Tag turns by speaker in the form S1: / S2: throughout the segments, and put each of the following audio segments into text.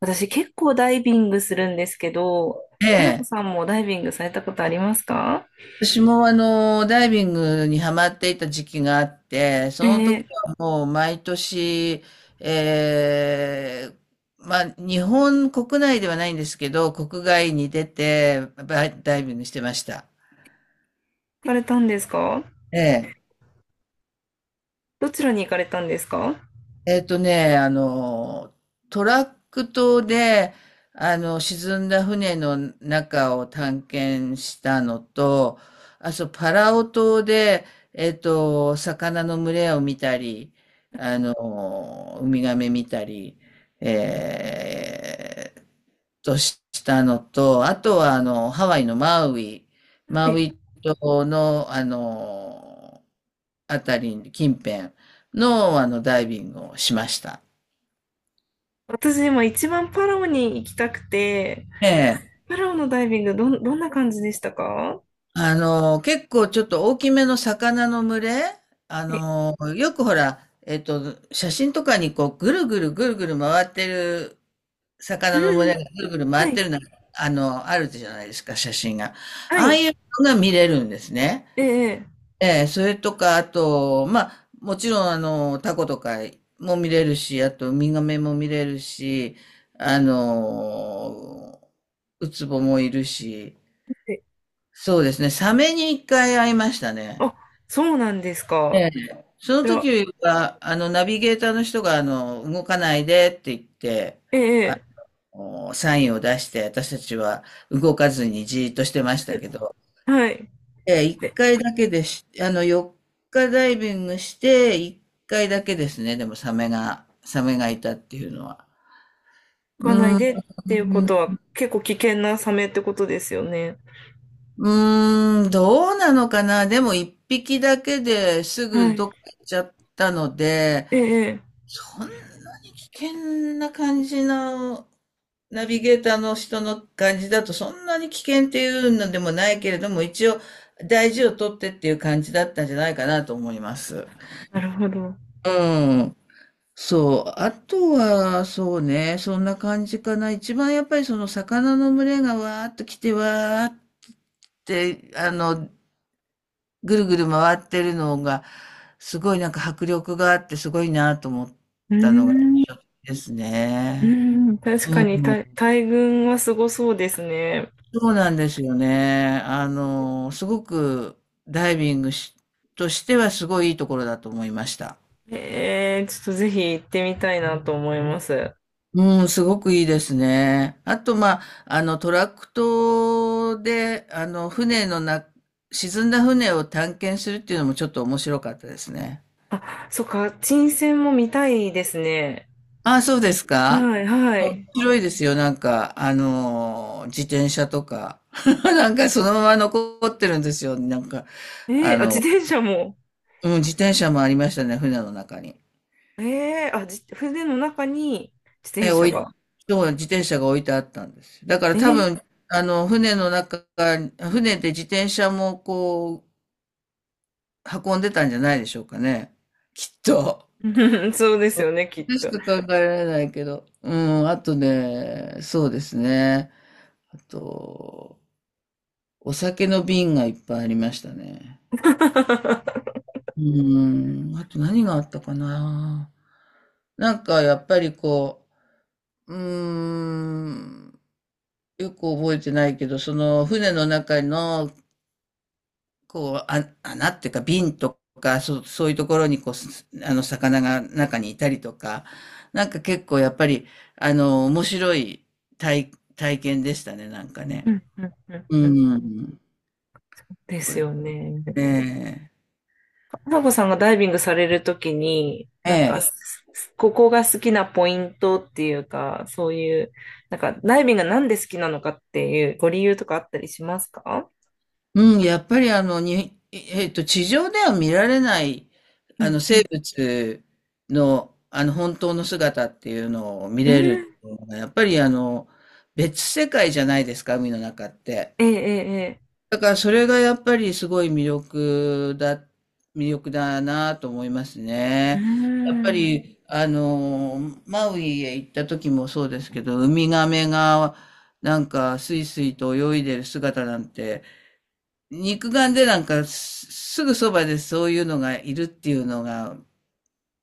S1: 私結構ダイビングするんですけど、
S2: え
S1: まさこ
S2: え。
S1: さんもダイビングされたことありますか？
S2: 私もダイビングにハマっていた時期があって、その時
S1: 行
S2: はもう毎年、ええ、まあ、日本国内ではないんですけど、国外に出て、バイダイビングしてました。
S1: かれたんですか？
S2: ええ。
S1: どちらに行かれたんですか？は
S2: えっとね、あの、トラック島で、沈んだ船の中を探検したのと、あ、そう、パラオ島で、魚の群れを見たり、ウミガメ見たり、えーっしたのと、あとは、ハワイのマウイ、マウ
S1: い。
S2: イ島の、あたり近辺の、ダイビングをしました。
S1: 私今一番パラオに行きたくて、
S2: ええ。
S1: パラオのダイビングどんな感じでしたか？は
S2: 結構ちょっと大きめの魚の群れ、
S1: い。
S2: よくほら、写真とかにこう、ぐるぐるぐるぐる回ってる、
S1: う
S2: 魚の群
S1: んう
S2: れ
S1: ん。
S2: がぐるぐる回
S1: は
S2: って
S1: い。
S2: るのがあるじゃないですか、写真が。
S1: は
S2: ああ
S1: い。
S2: いうのが見れるんですね。
S1: ええ
S2: ええ、それとか、あと、まあ、もちろん、タコとかも見れるし、あと、ウミガメも見れるし、あの、ウツボもいるし、
S1: ええ。
S2: そうですね、サメに一回会いましたね。
S1: あ、そうなんです
S2: え
S1: か。
S2: え、その
S1: それは、
S2: 時は、ナビゲーターの人が、動かないでって言って、
S1: えええ
S2: おサインを出して、私たちは動かずにじーっとしてましたけど、
S1: え、はい。
S2: ええ、1
S1: で、
S2: 回だけでしあの、4日ダイビングして、1回だけですね、でもサメがいたっていうのは。
S1: 行
S2: う
S1: かない
S2: ーん、
S1: でっていうことは結構危険なサメってことですよね。
S2: うーん、どうなのかな。でも1匹だけです
S1: は
S2: ぐど
S1: い。
S2: っか行っちゃったので、
S1: ええええ。
S2: そんなに危険な感じの、ナビゲーターの人の感じだと、そんなに危険っていうのでもないけれども、一応大事をとってっていう感じだったんじゃないかなと思います。
S1: なるほど。
S2: うん。そう。あとは、そうね、そんな感じかな。一番やっぱりその魚の群れがわーっと来てわーって、ぐるぐる回ってるのが、すごいなんか迫力があってすごいなと思っ
S1: うー
S2: たのが
S1: ん、
S2: 印
S1: う
S2: 象的ですね。
S1: ん、確
S2: う
S1: かに
S2: ん、
S1: 大群はすごそうですね。
S2: そうなんですよね。すごくダイビングしとしてはすごいいいところだと思いました。
S1: えー、ちょっとぜひ行ってみたいなと思います。
S2: うん、すごくいいですね。あと、まあ、トラクトで、船のな、沈んだ船を探検するっていうのもちょっと面白かったですね。
S1: あ、そっか、沈船も見たいですね。
S2: ああ、そうですか。
S1: はい、は
S2: 面
S1: い。
S2: 白いですよ。なんか、自転車とか。なんかそのまま残ってるんですよ。なんか、あ
S1: えー、あ、自
S2: の、
S1: 転車も。
S2: うん、自転車もありましたね、船の中に。
S1: 船の中に自転
S2: え、
S1: 車
S2: 置い、
S1: が。
S2: そう、自転車が置いてあったんですよ。だから
S1: え
S2: 多
S1: ー、
S2: 分、船の中、船で自転車もこう、運んでたんじゃないでしょうかね。きっと。
S1: うん、そうですよね、きっ
S2: 私
S1: と。
S2: と考えられないけど。うん、あとね、そうですね。あと、お酒の瓶がいっぱいありましたね。うん、あと何があったかな。なんかやっぱりこう、うーん。よく覚えてないけど、その船の中の、こう、あ、穴っていうか瓶とか、そういうところに、こう、すあの、魚が中にいたりとか、なんか結構やっぱり、面白い体験でしたね、なんか
S1: う
S2: ね。
S1: んうんうん
S2: う
S1: うん、
S2: ん。
S1: で
S2: そう
S1: す
S2: で
S1: よね。
S2: すね。
S1: 花子さんがダイビングされるときに、
S2: ええ。
S1: ここが好きなポイントっていうか、そういう、なんか、ダイビングがなんで好きなのかっていうご理由とかあったりしますか？
S2: うん、やっぱりあの、に、えっと、地上では見られない、
S1: うんう
S2: 生
S1: ん
S2: 物の、本当の姿っていうのを見
S1: う
S2: れる
S1: ん。
S2: のが、やっぱり別世界じゃないですか、海の中って。
S1: ええ、ええ、ええ。
S2: だからそれがやっぱりすごい魅力だなと思います
S1: う
S2: ね。やっぱ
S1: ん。
S2: り、マウイへ行った時もそうですけど、ウミガメがなんかスイスイと泳いでる姿なんて、肉眼でなんかすぐそばでそういうのがいるっていうのが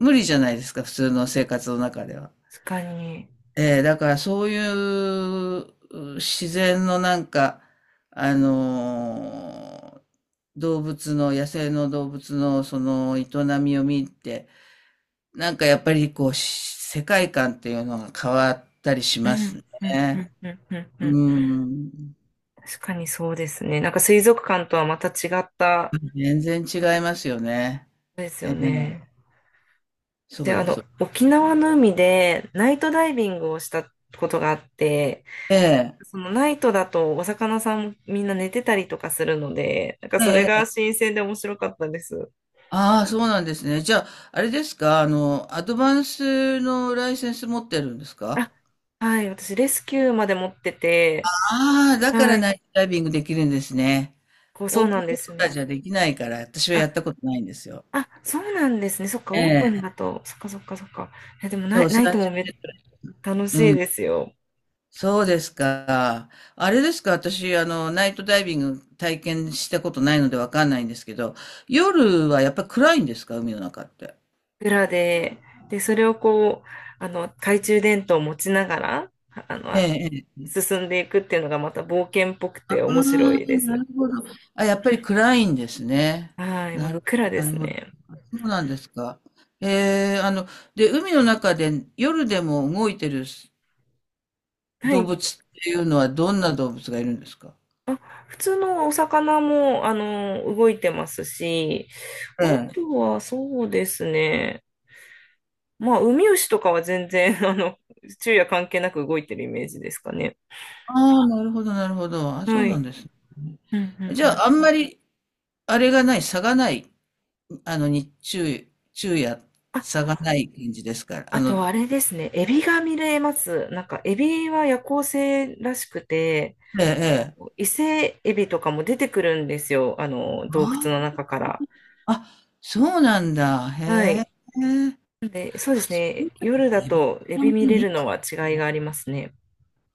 S2: 無理じゃないですか、普通の生活の中では。
S1: 確かに。
S2: だからそういう自然のなんか、あのー動物の、野生の動物のその営みを見て、なんかやっぱりこう、世界観っていうのが変わったりし
S1: う
S2: ます
S1: んうんう
S2: ね。
S1: んうんうんうん。
S2: うん。
S1: 確かにそうですね。なんか水族館とはまた違った、
S2: 全然違いますよね。
S1: です
S2: え
S1: よ
S2: ー
S1: ね。
S2: そ
S1: で、
S2: う
S1: あ
S2: で
S1: の、
S2: す。
S1: 沖縄の海でナイトダイビングをしたことがあって、
S2: え
S1: そのナイトだとお魚さんもみんな寝てたりとかするので、なんかそれ
S2: え
S1: が
S2: え
S1: 新鮮で面白かったです。
S2: ああ、そうなんですね。じゃあ、あれですか、アドバンスのライセンス持ってるんですか？
S1: あ、はい、私レスキューまで持ってて、
S2: ああ、だか
S1: は
S2: ら
S1: い、
S2: ナイトダイビングできるんですね。
S1: こうそ
S2: オ
S1: う
S2: ープ
S1: な
S2: ン
S1: ん
S2: ウ
S1: で
S2: ォー
S1: す
S2: ター
S1: ね。
S2: じゃできないから、私はやった
S1: あ、
S2: ことないんですよ。
S1: あ、そうなんですね。そっか、
S2: え
S1: オープン
S2: え、
S1: だと、そっかそっかそっか。え、でもナ
S2: そ
S1: イ、
S2: う、
S1: ナ
S2: 30
S1: イトも
S2: メー
S1: め、
S2: トル。
S1: 楽しいですよ。
S2: そうですか。あれですか、私、ナイトダイビング体験したことないのでわかんないんですけど、夜はやっぱり暗いんですか、海の中って？
S1: 裏で、で、それをこう、あの、懐中電灯を持ちながら、あ、あ
S2: え
S1: の、
S2: え、
S1: 進んでいくっていうのがまた冒険っぽく
S2: あ
S1: て
S2: あ、
S1: 面白いで
S2: な
S1: す。
S2: るほど。あ、やっぱり暗いんですね。
S1: はい、真
S2: な
S1: っ
S2: るほ
S1: 暗
S2: ど、
S1: で
S2: な
S1: す
S2: るほど。
S1: ね。
S2: あ、そうなんですか。えーあの、で、海の中で夜でも動いてる
S1: は
S2: 動物
S1: い。
S2: っていうのはどんな動物がいるんですか？
S1: 普通のお魚も、あの、動いてますし、
S2: え
S1: あと
S2: え。
S1: はそうですね。まあ、ウミウシとかは全然、あの、昼夜関係なく動いてるイメージですかね。
S2: ああ、なるほど、なるほど。あ、そ
S1: は
S2: うな
S1: い。
S2: んですね。
S1: うんう
S2: じ
S1: ん
S2: ゃ
S1: うん。
S2: あ、あんまり、あれがない、差がない、日中、昼夜、
S1: あ、
S2: 差がない感じですから。
S1: あとあれですね。エビが見れます。なんか、エビは夜行性らしくて、
S2: ええ、
S1: あの、
S2: ええ。
S1: 伊勢エビとかも出てくるんですよ。あの、洞
S2: あ
S1: 窟の中から。
S2: あ、そうなんだ。へ
S1: はい。
S2: え。
S1: で、そうで
S2: あ、
S1: す
S2: そ
S1: ね。
S2: ういえば
S1: 夜だ
S2: エビ
S1: と
S2: って
S1: エ
S2: あん
S1: ビ
S2: ま
S1: 見
S2: り
S1: れ
S2: 見
S1: るの
S2: た。
S1: は違いがありますね。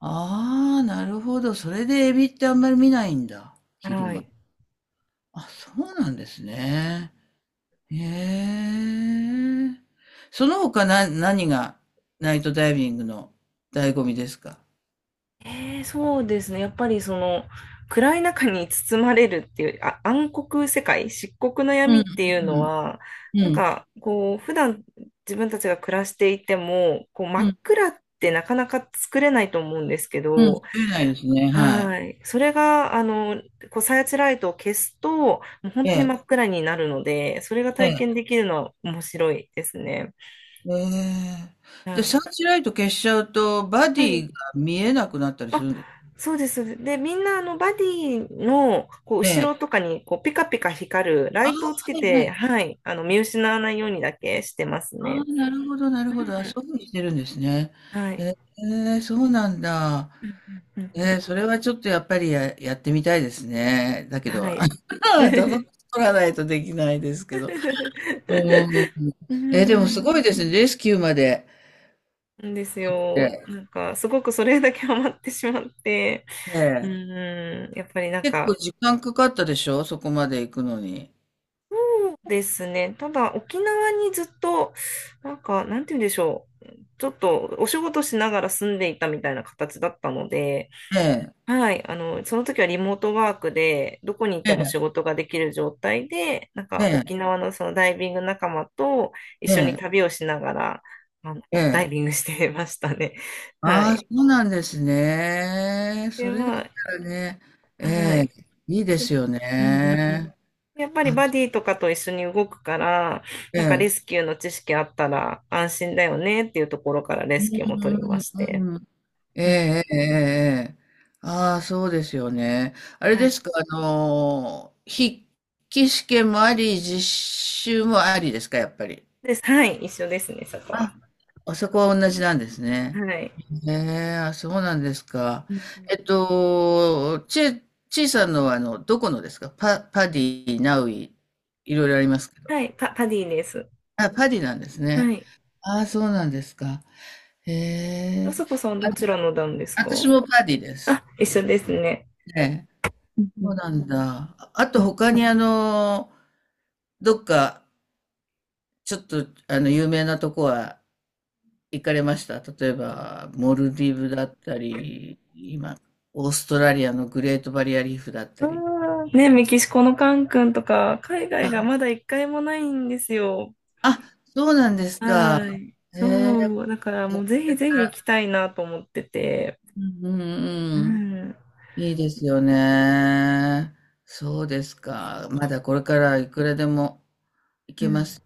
S2: ああ、なるほど。それでエビってあんまり見ないんだ。昼
S1: は
S2: 間。
S1: い。
S2: あ、そうなんですね。へえ。その他な、何がナイトダイビングの醍醐味ですか？
S1: ええ、そうですね。やっぱりその暗い中に包まれるっていう、あ、暗黒世界、漆黒の
S2: う
S1: 闇
S2: ん、
S1: っていうのは、
S2: う
S1: なん
S2: ん、
S1: かこう、普段自分たちが暮らしていても、こう真
S2: う
S1: っ
S2: ん、
S1: 暗ってなかなか作れないと思うんですけ
S2: うん。
S1: ど、
S2: 出ないですね。はい。
S1: はい。それが、あの、こう、サーチライトを消すと、もう本
S2: え
S1: 当に
S2: え、
S1: 真っ暗になるので、それが
S2: え
S1: 体
S2: え、
S1: 験できるのは面白いですね。
S2: ええ。で、
S1: は
S2: サ
S1: い。
S2: ーチライト消しちゃうと、バディが見えなくなったりす
S1: あ、
S2: るんです。
S1: そうです。で、みんなあのバディのこう
S2: え
S1: 後ろ
S2: え。
S1: とかにこうピカピカ光るラ
S2: ああ、
S1: イトをつけ
S2: はい、は
S1: て、
S2: い。
S1: はい、あの見失わないようにだけしてます
S2: あ
S1: ね。
S2: あ、なるほど、なるほど。あ、そういうふうにしてるんですね。
S1: うん。はい。
S2: へえ、そうなんだ。
S1: うんうんうんうん。
S2: それはちょっとやっぱりやってみたいですね。だけ
S1: は
S2: ど、
S1: い。
S2: だぞ取らないとできないですけど。うー ん。
S1: う
S2: でもす
S1: ん。
S2: ごいですね、レスキューまで。
S1: んです
S2: え
S1: よ。
S2: え、
S1: なんか、すごくそれだけハマってしまって、
S2: え
S1: う
S2: え。
S1: ん。やっぱりなん
S2: 結構
S1: か、
S2: 時間かかったでしょ、そこまで行くのに。
S1: そうですね。ただ、沖縄にずっと、なんか、なんて言うんでしょう。ちょっとお仕事しながら住んでいたみたいな形だったので、
S2: ええ、
S1: はい、あの、その時はリモートワークで、どこに行っ
S2: え
S1: ても仕
S2: え、
S1: 事ができる状態で、なん
S2: え
S1: か
S2: え、
S1: 沖縄のそのダイビング仲間と一
S2: え
S1: 緒に
S2: え、
S1: 旅をしながら、あの、
S2: え
S1: ダ
S2: え。
S1: イビングしてましたね。は
S2: ああ、そ
S1: い。
S2: うなんですね。
S1: で
S2: それだっ
S1: は、
S2: たらね、え
S1: は
S2: え、
S1: い。
S2: いいで
S1: で、
S2: すよ
S1: うんうんうん。
S2: ね。
S1: やっぱり
S2: あって、
S1: バディとかと一緒に動くから、なんかレス
S2: え
S1: キューの知識あったら安心だよねっていうところからレ
S2: う
S1: スキューも取りま
S2: ん
S1: して。
S2: うんえ
S1: うん
S2: え
S1: う
S2: ええええええ。ああ、そうですよね。あれ
S1: ん。は
S2: で
S1: い。
S2: すか、筆記試験もあり、実習もありですか、やっぱり？
S1: です。はい。一緒ですね、そこ
S2: あ、
S1: は。
S2: あそこは同じなんですね。
S1: はい。
S2: へえ、あ、そうなんですか。
S1: うんう
S2: え
S1: ん。
S2: っと、ちちいさんのは、どこのですか、パディ、ナウイ、いろいろありますけど？
S1: はい。パディです。
S2: あ、パディなんです
S1: は
S2: ね。
S1: い。
S2: ああ、そうなんですか。へえ、
S1: あさこさんどちらの団です
S2: 私
S1: か？
S2: もパディです。
S1: あ、一緒ですね。
S2: ええ、
S1: うんう
S2: そ
S1: ん
S2: うなんだ。ああ
S1: う
S2: と
S1: ん。
S2: 他にどっか、ちょっと有名なとこは行かれました？例えば、モルディブだったり、今、オーストラリアのグレートバリアリーフだっ
S1: あ
S2: たり。
S1: ーね、メキシコのカン君とか、海外がま
S2: あ、
S1: だ一回もないんですよ。
S2: あ、そうなんですか。
S1: はい。
S2: ええ、こ
S1: そう。だからもうぜ
S2: れ
S1: ひぜひ
S2: か
S1: 行
S2: ら。
S1: きたいなと思ってて。
S2: うんうん
S1: う
S2: うん。
S1: ん。
S2: いいですよね。そうですか。まだこれからいくらでも行
S1: う
S2: けま
S1: ん。
S2: す。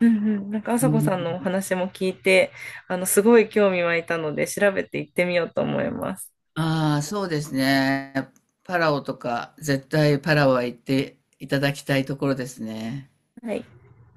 S1: うんうん。なんか、あさ
S2: う
S1: こさんのお
S2: ん。
S1: 話も聞いて、あの、すごい興味湧いたので、調べて行ってみようと思います。
S2: ああ、そうですね。パラオとか、絶対パラオは行っていただきたいところですね。
S1: はい。